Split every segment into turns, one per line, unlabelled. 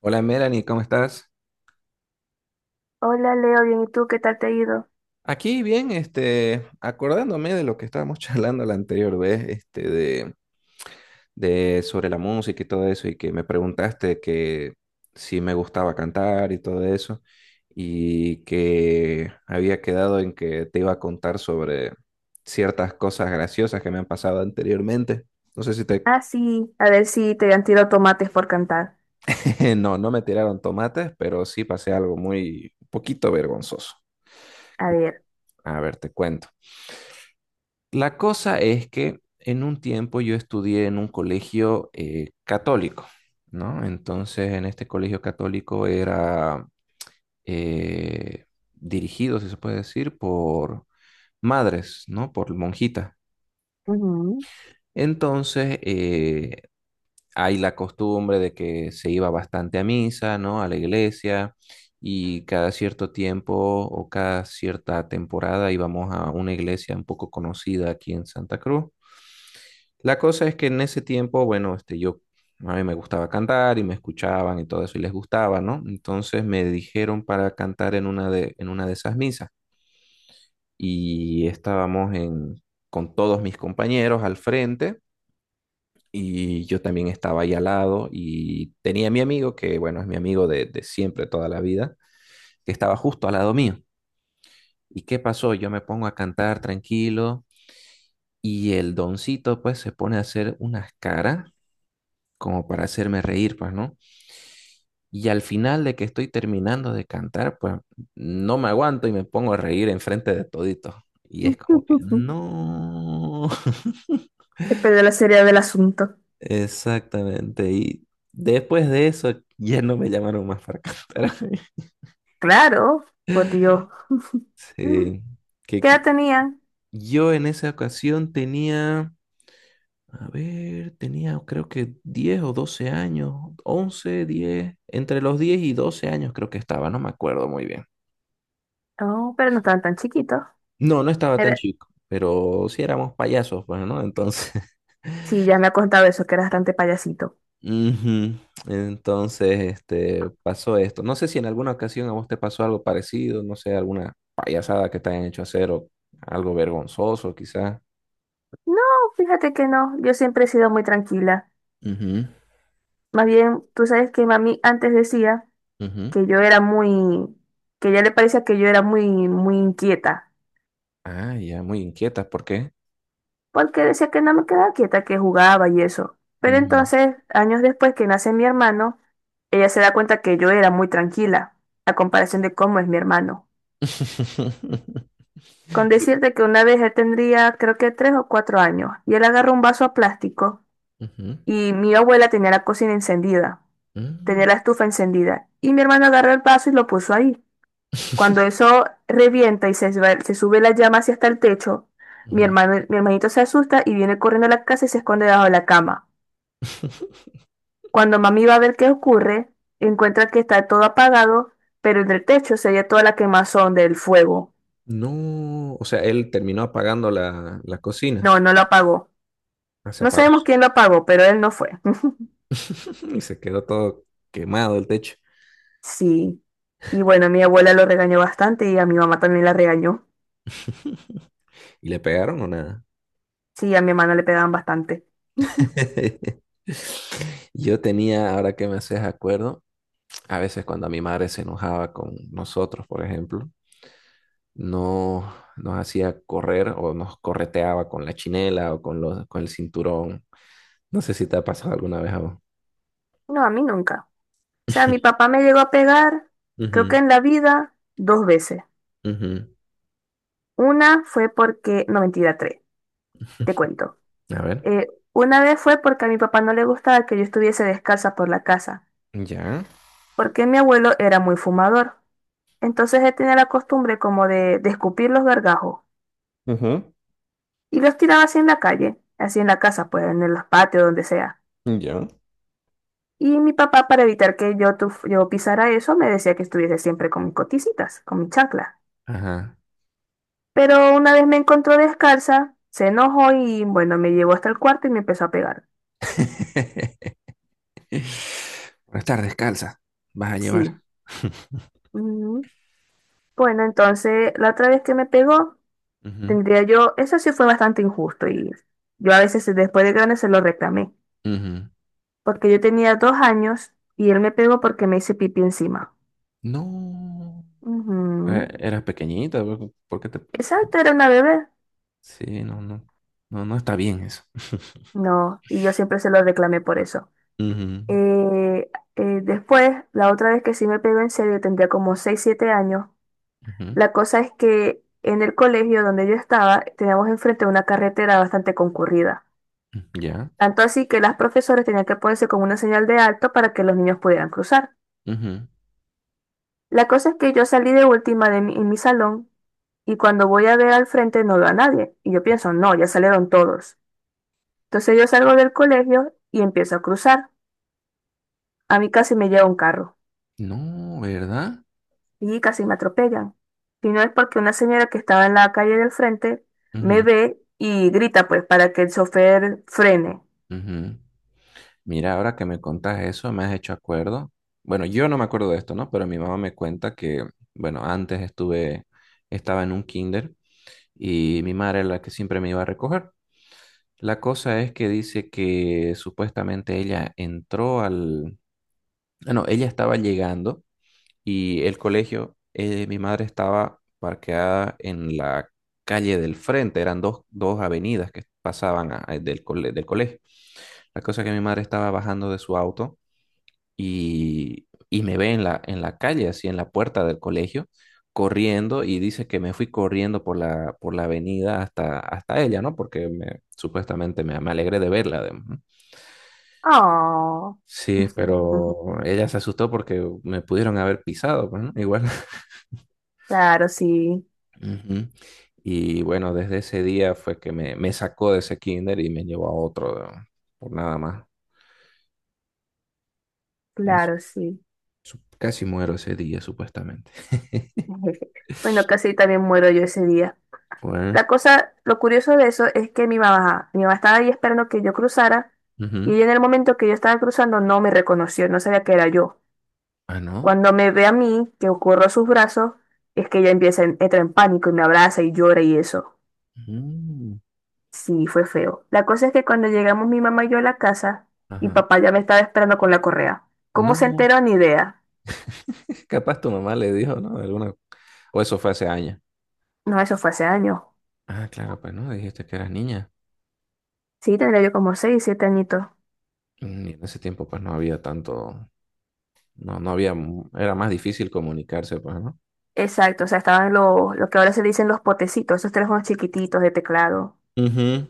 Hola Melanie, ¿cómo estás?
Hola Leo, bien, ¿y tú qué tal te ha ido?
Aquí bien, acordándome de lo que estábamos charlando la anterior vez, de sobre la música y todo eso, y que me preguntaste que si me gustaba cantar y todo eso, y que había quedado en que te iba a contar sobre ciertas cosas graciosas que me han pasado anteriormente. No sé si te,
Ah, sí, a ver si te han tirado tomates por cantar.
no, no me tiraron tomates, pero sí pasé algo muy, un poquito vergonzoso.
A ver.
A ver, te cuento. La cosa es que en un tiempo yo estudié en un colegio católico, ¿no? Entonces, en este colegio católico era eh, dirigido, si se puede decir, por madres, ¿no? Por monjitas.
Ujú.
Entonces, hay la costumbre de que se iba bastante a misa, ¿no? A la iglesia y cada cierto tiempo o cada cierta temporada íbamos a una iglesia un poco conocida aquí en Santa Cruz. La cosa es que en ese tiempo, bueno, a mí me gustaba cantar y me escuchaban y todo eso y les gustaba, ¿no? Entonces me dijeron para cantar en en una de esas misas y estábamos en, con todos mis compañeros al frente y yo también estaba ahí al lado y tenía a mi amigo, que bueno, es mi amigo de siempre, toda la vida, que estaba justo al lado mío. ¿Y qué pasó? Yo me pongo a cantar tranquilo y el doncito pues se pone a hacer unas caras como para hacerme reír, pues, ¿no? Y al final de que estoy terminando de cantar, pues no me aguanto y me pongo a reír enfrente de todito. Y es como que no.
Te perdió la seriedad del asunto.
Exactamente. Y después de eso ya no me llamaron más para cantar.
Claro, por Dios. Mm,
Sí. Que,
¿qué
que-
edad tenían?
yo en esa ocasión tenía, a ver, tenía creo que 10 o 12 años, 11, 10, entre los 10 y 12 años creo que estaba, no me acuerdo muy bien.
Oh, pero no estaban tan chiquitos.
No, no estaba tan
Era-
chico, pero sí éramos payasos, pues, ¿no? Entonces,
sí, ya me ha contado eso, que era bastante payasito.
ujú. Entonces, este, pasó esto. No sé si en alguna ocasión a vos te pasó algo parecido, no sé, alguna payasada que te hayan hecho hacer o algo vergonzoso, quizás.
No, fíjate que no, yo siempre he sido muy tranquila. Más bien, tú sabes que mami antes decía
Ujú, ujú.
que yo era muy, que ya le parecía que yo era muy inquieta.
Ah, ya, muy inquietas, ¿por qué?
Porque decía que no me quedaba quieta, que jugaba y eso. Pero
Ujú.
entonces, años después que nace mi hermano, ella se da cuenta que yo era muy tranquila, a comparación de cómo es mi hermano. Con
Y-
decirte que una vez él tendría, creo que tres o cuatro años, y él agarró un vaso a plástico,
ujú.
y mi abuela tenía la cocina encendida, tenía
Mm.
la estufa encendida, y mi hermano agarró el vaso y lo puso ahí. Cuando eso revienta y se sube la llama hacia hasta el techo, mi
ujú.
hermano, mi hermanito se asusta y viene corriendo a la casa y se esconde debajo de la cama. Cuando mami va a ver qué ocurre, encuentra que está todo apagado, pero en el techo se veía toda la quemazón del fuego.
No, o sea, él terminó apagando la cocina.
No, no lo apagó.
Ah, se
No
apagó.
sabemos quién lo apagó, pero él no fue.
Y se quedó todo quemado el techo.
Sí. Y bueno, mi abuela lo regañó bastante y a mi mamá también la regañó.
¿Y le pegaron o nada?
Sí, a mi hermano le pegaban bastante.
Yo tenía, ahora que me haces acuerdo, a veces cuando mi madre se enojaba con nosotros, por ejemplo, no nos hacía correr o nos correteaba con la chinela o con con el cinturón. No sé si te ha pasado alguna vez a vos.
No, a mí nunca. O sea, mi papá me llegó a pegar, creo que
Ujú,
en la vida, 2 veces.
ujú.
Una fue porque, no, mentira, tres, te cuento.
A ver.
Eh, una vez fue porque a mi papá no le gustaba que yo estuviese descalza por la casa.
Ya.
Porque mi abuelo era muy fumador. Entonces él tenía la costumbre como de escupir los gargajos
Ujú.
y los tiraba así en la calle, así en la casa, pues en los patios, donde sea.
Ya.
Y mi papá, para evitar que yo, yo pisara eso, me decía que estuviese siempre con mis coticitas, con mi chancla.
Ajá.
Pero una vez me encontró descalza, se enojó y bueno, me llevó hasta el cuarto y me empezó a pegar.
Por estar descalza, vas a llevar.
Sí. Ujú. Bueno, entonces la otra vez que me pegó,
Ujú,
tendría yo, eso sí fue bastante injusto y yo a veces después de grande se lo reclamé.
ujú.
Porque yo tenía 2 años y él me pegó porque me hice pipí encima.
No,
Ujú.
eras pequeñita, ¿por qué te...?
Exacto, era una bebé.
Sí, no, no, no, no está bien eso.
No, y yo siempre se lo reclamé por eso.
Ujú,
Eh, Después, la otra vez que sí me pegó en serio, tendría como 6 7 años.
ujú.
La cosa es que en el colegio donde yo estaba, teníamos enfrente una carretera bastante concurrida.
Ya.
Tanto así que las profesoras tenían que ponerse con una señal de alto para que los niños pudieran cruzar.
Ujú.
La cosa es que yo salí de última en mi salón y cuando voy a ver al frente no veo a nadie. Y yo pienso, no, ya salieron todos. Entonces yo salgo del colegio y empiezo a cruzar. A mí casi me lleva un carro
No, ¿verdad?
y casi me atropellan. Y no es porque una señora que estaba en la calle del frente me
Ujú,
ve y grita pues para que el chofer frene.
ujú. Mira, ahora que me contas eso, me has hecho acuerdo. Bueno, yo no me acuerdo de esto, ¿no? Pero mi mamá me cuenta que, bueno, estaba en un kinder y mi madre era la que siempre me iba a recoger. La cosa es que dice que supuestamente ella entró al... Ah, no, ella estaba llegando y el colegio, mi madre estaba parqueada en la calle del frente, eran dos avenidas que pasaban del colegio. La cosa es que mi madre estaba bajando de su auto y me ve en en la calle, así en la puerta del colegio, corriendo y dice que me fui corriendo por por la avenida hasta, hasta ella, ¿no? Porque supuestamente me alegré de verla, además. ¿No?
Oh.
Sí, pero ella se asustó porque me pudieron haber pisado, pues, ¿no? Igual.
Claro, sí,
Ujú. Y bueno, desde ese día fue que me sacó de ese kinder y me llevó a otro, ¿no? Por nada más. Es-
claro, sí.
casi muero ese día, supuestamente.
Bueno, casi también muero yo ese día.
Fue-
La cosa, lo curioso de eso es que mi mamá estaba ahí esperando que yo cruzara y
ujú.
ella en el momento que yo estaba cruzando no me reconoció, no sabía que era yo.
Ah, no.
Cuando me ve a mí, que ocurro sus brazos, es que ella empieza, entra en pánico y me abraza y llora y eso.
Mm.
Sí, fue feo. La cosa es que cuando llegamos mi mamá y yo a la casa, mi
Ajá.
papá ya me estaba esperando con la correa. ¿Cómo se
No,
enteró? Ni idea.
capaz tu mamá le dijo, ¿no? Alguna... O eso fue hace años.
No, eso fue hace años.
Ah, claro, pues no, dijiste que eras niña.
Sí, tendría yo como seis, siete añitos.
Mm. Y en ese tiempo, pues no había tanto, no, no había, era más difícil comunicarse, pues, ¿no?
Exacto, o sea, estaban los, lo que ahora se dicen los potecitos, esos teléfonos chiquititos de teclado.
Ujú.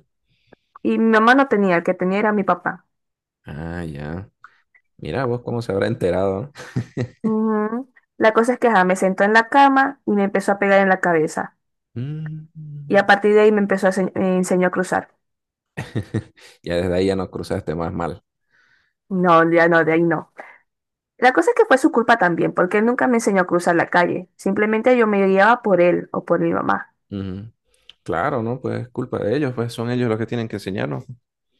Y mi mamá no tenía, el que tenía era mi papá.
Ah, ya. Mira vos cómo se habrá enterado, ¿no?
Ujú. La cosa es que ajá, me sentó en la cama y me empezó a pegar en la cabeza. Y a
Mm.
partir de ahí me me enseñó a cruzar.
Ya desde ahí ya nos cruzaste más mal.
No, ya no, de ahí no. La cosa es que fue su culpa también, porque él nunca me enseñó a cruzar la calle. Simplemente yo me guiaba por él o por mi mamá.
Ujú. Claro, ¿no? Pues culpa de ellos, pues son ellos los que tienen que enseñarnos.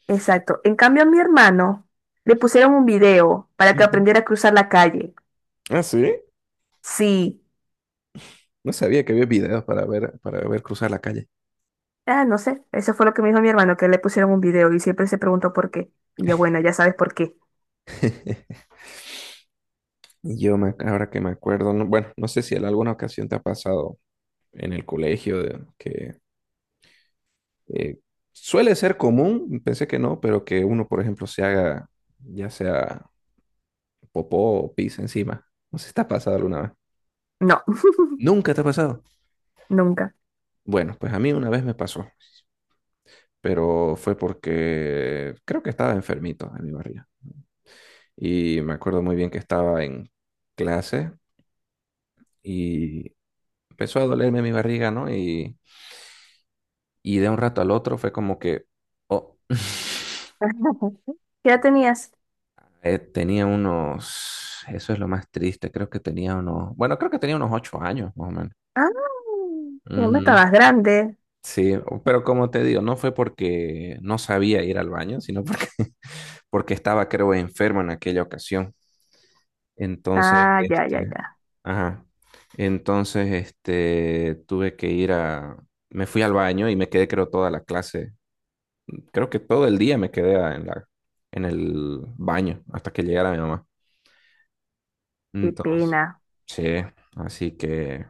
Exacto. En cambio, a mi hermano le pusieron un video para que
Ujú.
aprendiera a cruzar la calle.
Ah, sí.
Sí.
No sabía que había videos para ver cruzar la calle.
Ah, no sé. Eso fue lo que me dijo mi hermano, que le pusieron un video y siempre se preguntó por qué. Y yo, bueno, ya sabes por qué.
Y yo me, ahora que me acuerdo, bueno, no sé si en alguna ocasión te ha pasado en el colegio que eh, suele ser común, pensé que no, pero que uno, por ejemplo, se haga ya sea popó o pis encima. No sé si te ha pasado alguna vez.
No,
¿Nunca te ha pasado?
nunca.
Bueno, pues a mí una vez me pasó, pero fue porque creo que estaba enfermito en mi barriga. Y me acuerdo muy bien que estaba en clase y empezó a dolerme mi barriga, ¿no? Y de un rato al otro fue como que, oh.
¿Qué edad tenías?
Eh, tenía unos, eso es lo más triste, creo que tenía unos, bueno, creo que tenía unos 8 años, más o menos.
Ah, ya me
Ujú.
estabas grande.
Sí, o- pero como te digo, no fue porque no sabía ir al baño, sino porque, porque estaba, creo, enfermo en aquella ocasión. Entonces,
Ah, ya, ya,
este,
ya.
ajá. Entonces, este, tuve que ir a, me fui al baño y me quedé, creo, toda la clase. Creo que todo el día me quedé en en el baño hasta que llegara mi mamá.
Qué
Entonces,
pena.
sí, así que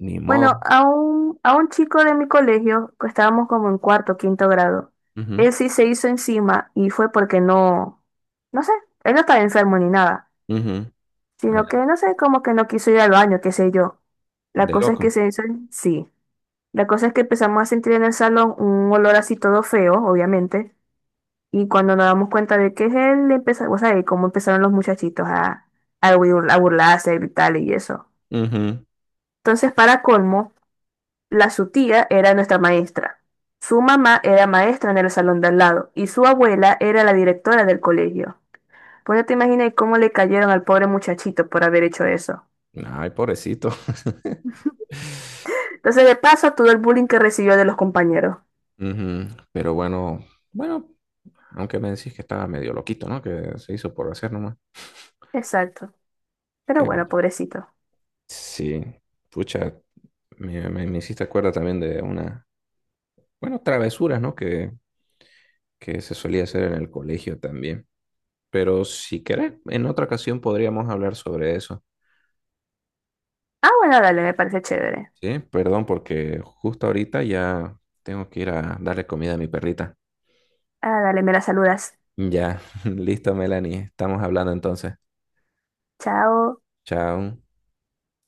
ni modo.
Bueno, a un chico de mi colegio, que estábamos como en cuarto, quinto grado,
Ujú,
él sí se hizo encima y fue porque no, no sé, él no estaba enfermo ni nada,
ujú. Ay,
sino que no sé, como que no quiso ir al baño, qué sé yo. La
de
cosa es que
loco.
se hizo, en- sí. La cosa es que empezamos a sentir en el salón un olor así todo feo, obviamente. Y cuando nos damos cuenta de que es él, empezó, o sea, de cómo empezaron los muchachitos a, a burlarse, a gritarle y eso.
Ujú.
Entonces, para colmo, la su tía era nuestra maestra. Su mamá era maestra en el salón de al lado y su abuela era la directora del colegio. Pues ya te imaginas cómo le cayeron al pobre muchachito por haber hecho eso.
Ay, pobrecito.
Entonces, de paso, todo el bullying que recibió de los compañeros.
Ujú. Pero bueno, bueno, aunque me decís que estaba medio loquito, ¿no? Que se hizo por hacer nomás.
Exacto. Pero
¿Qué...
bueno, pobrecito.
Sí, pucha, me hiciste acuerdo también de una, bueno, travesuras, ¿no? Que se solía hacer en el colegio también. Pero si querés, en otra ocasión podríamos hablar sobre eso.
Ah, bueno, dale, me parece chévere.
Sí, perdón, porque justo ahorita ya tengo que ir a darle comida a mi perrita.
Ah, dale, me la saludas.
Ya, listo, Melanie, estamos hablando entonces.
Chao.
Chao.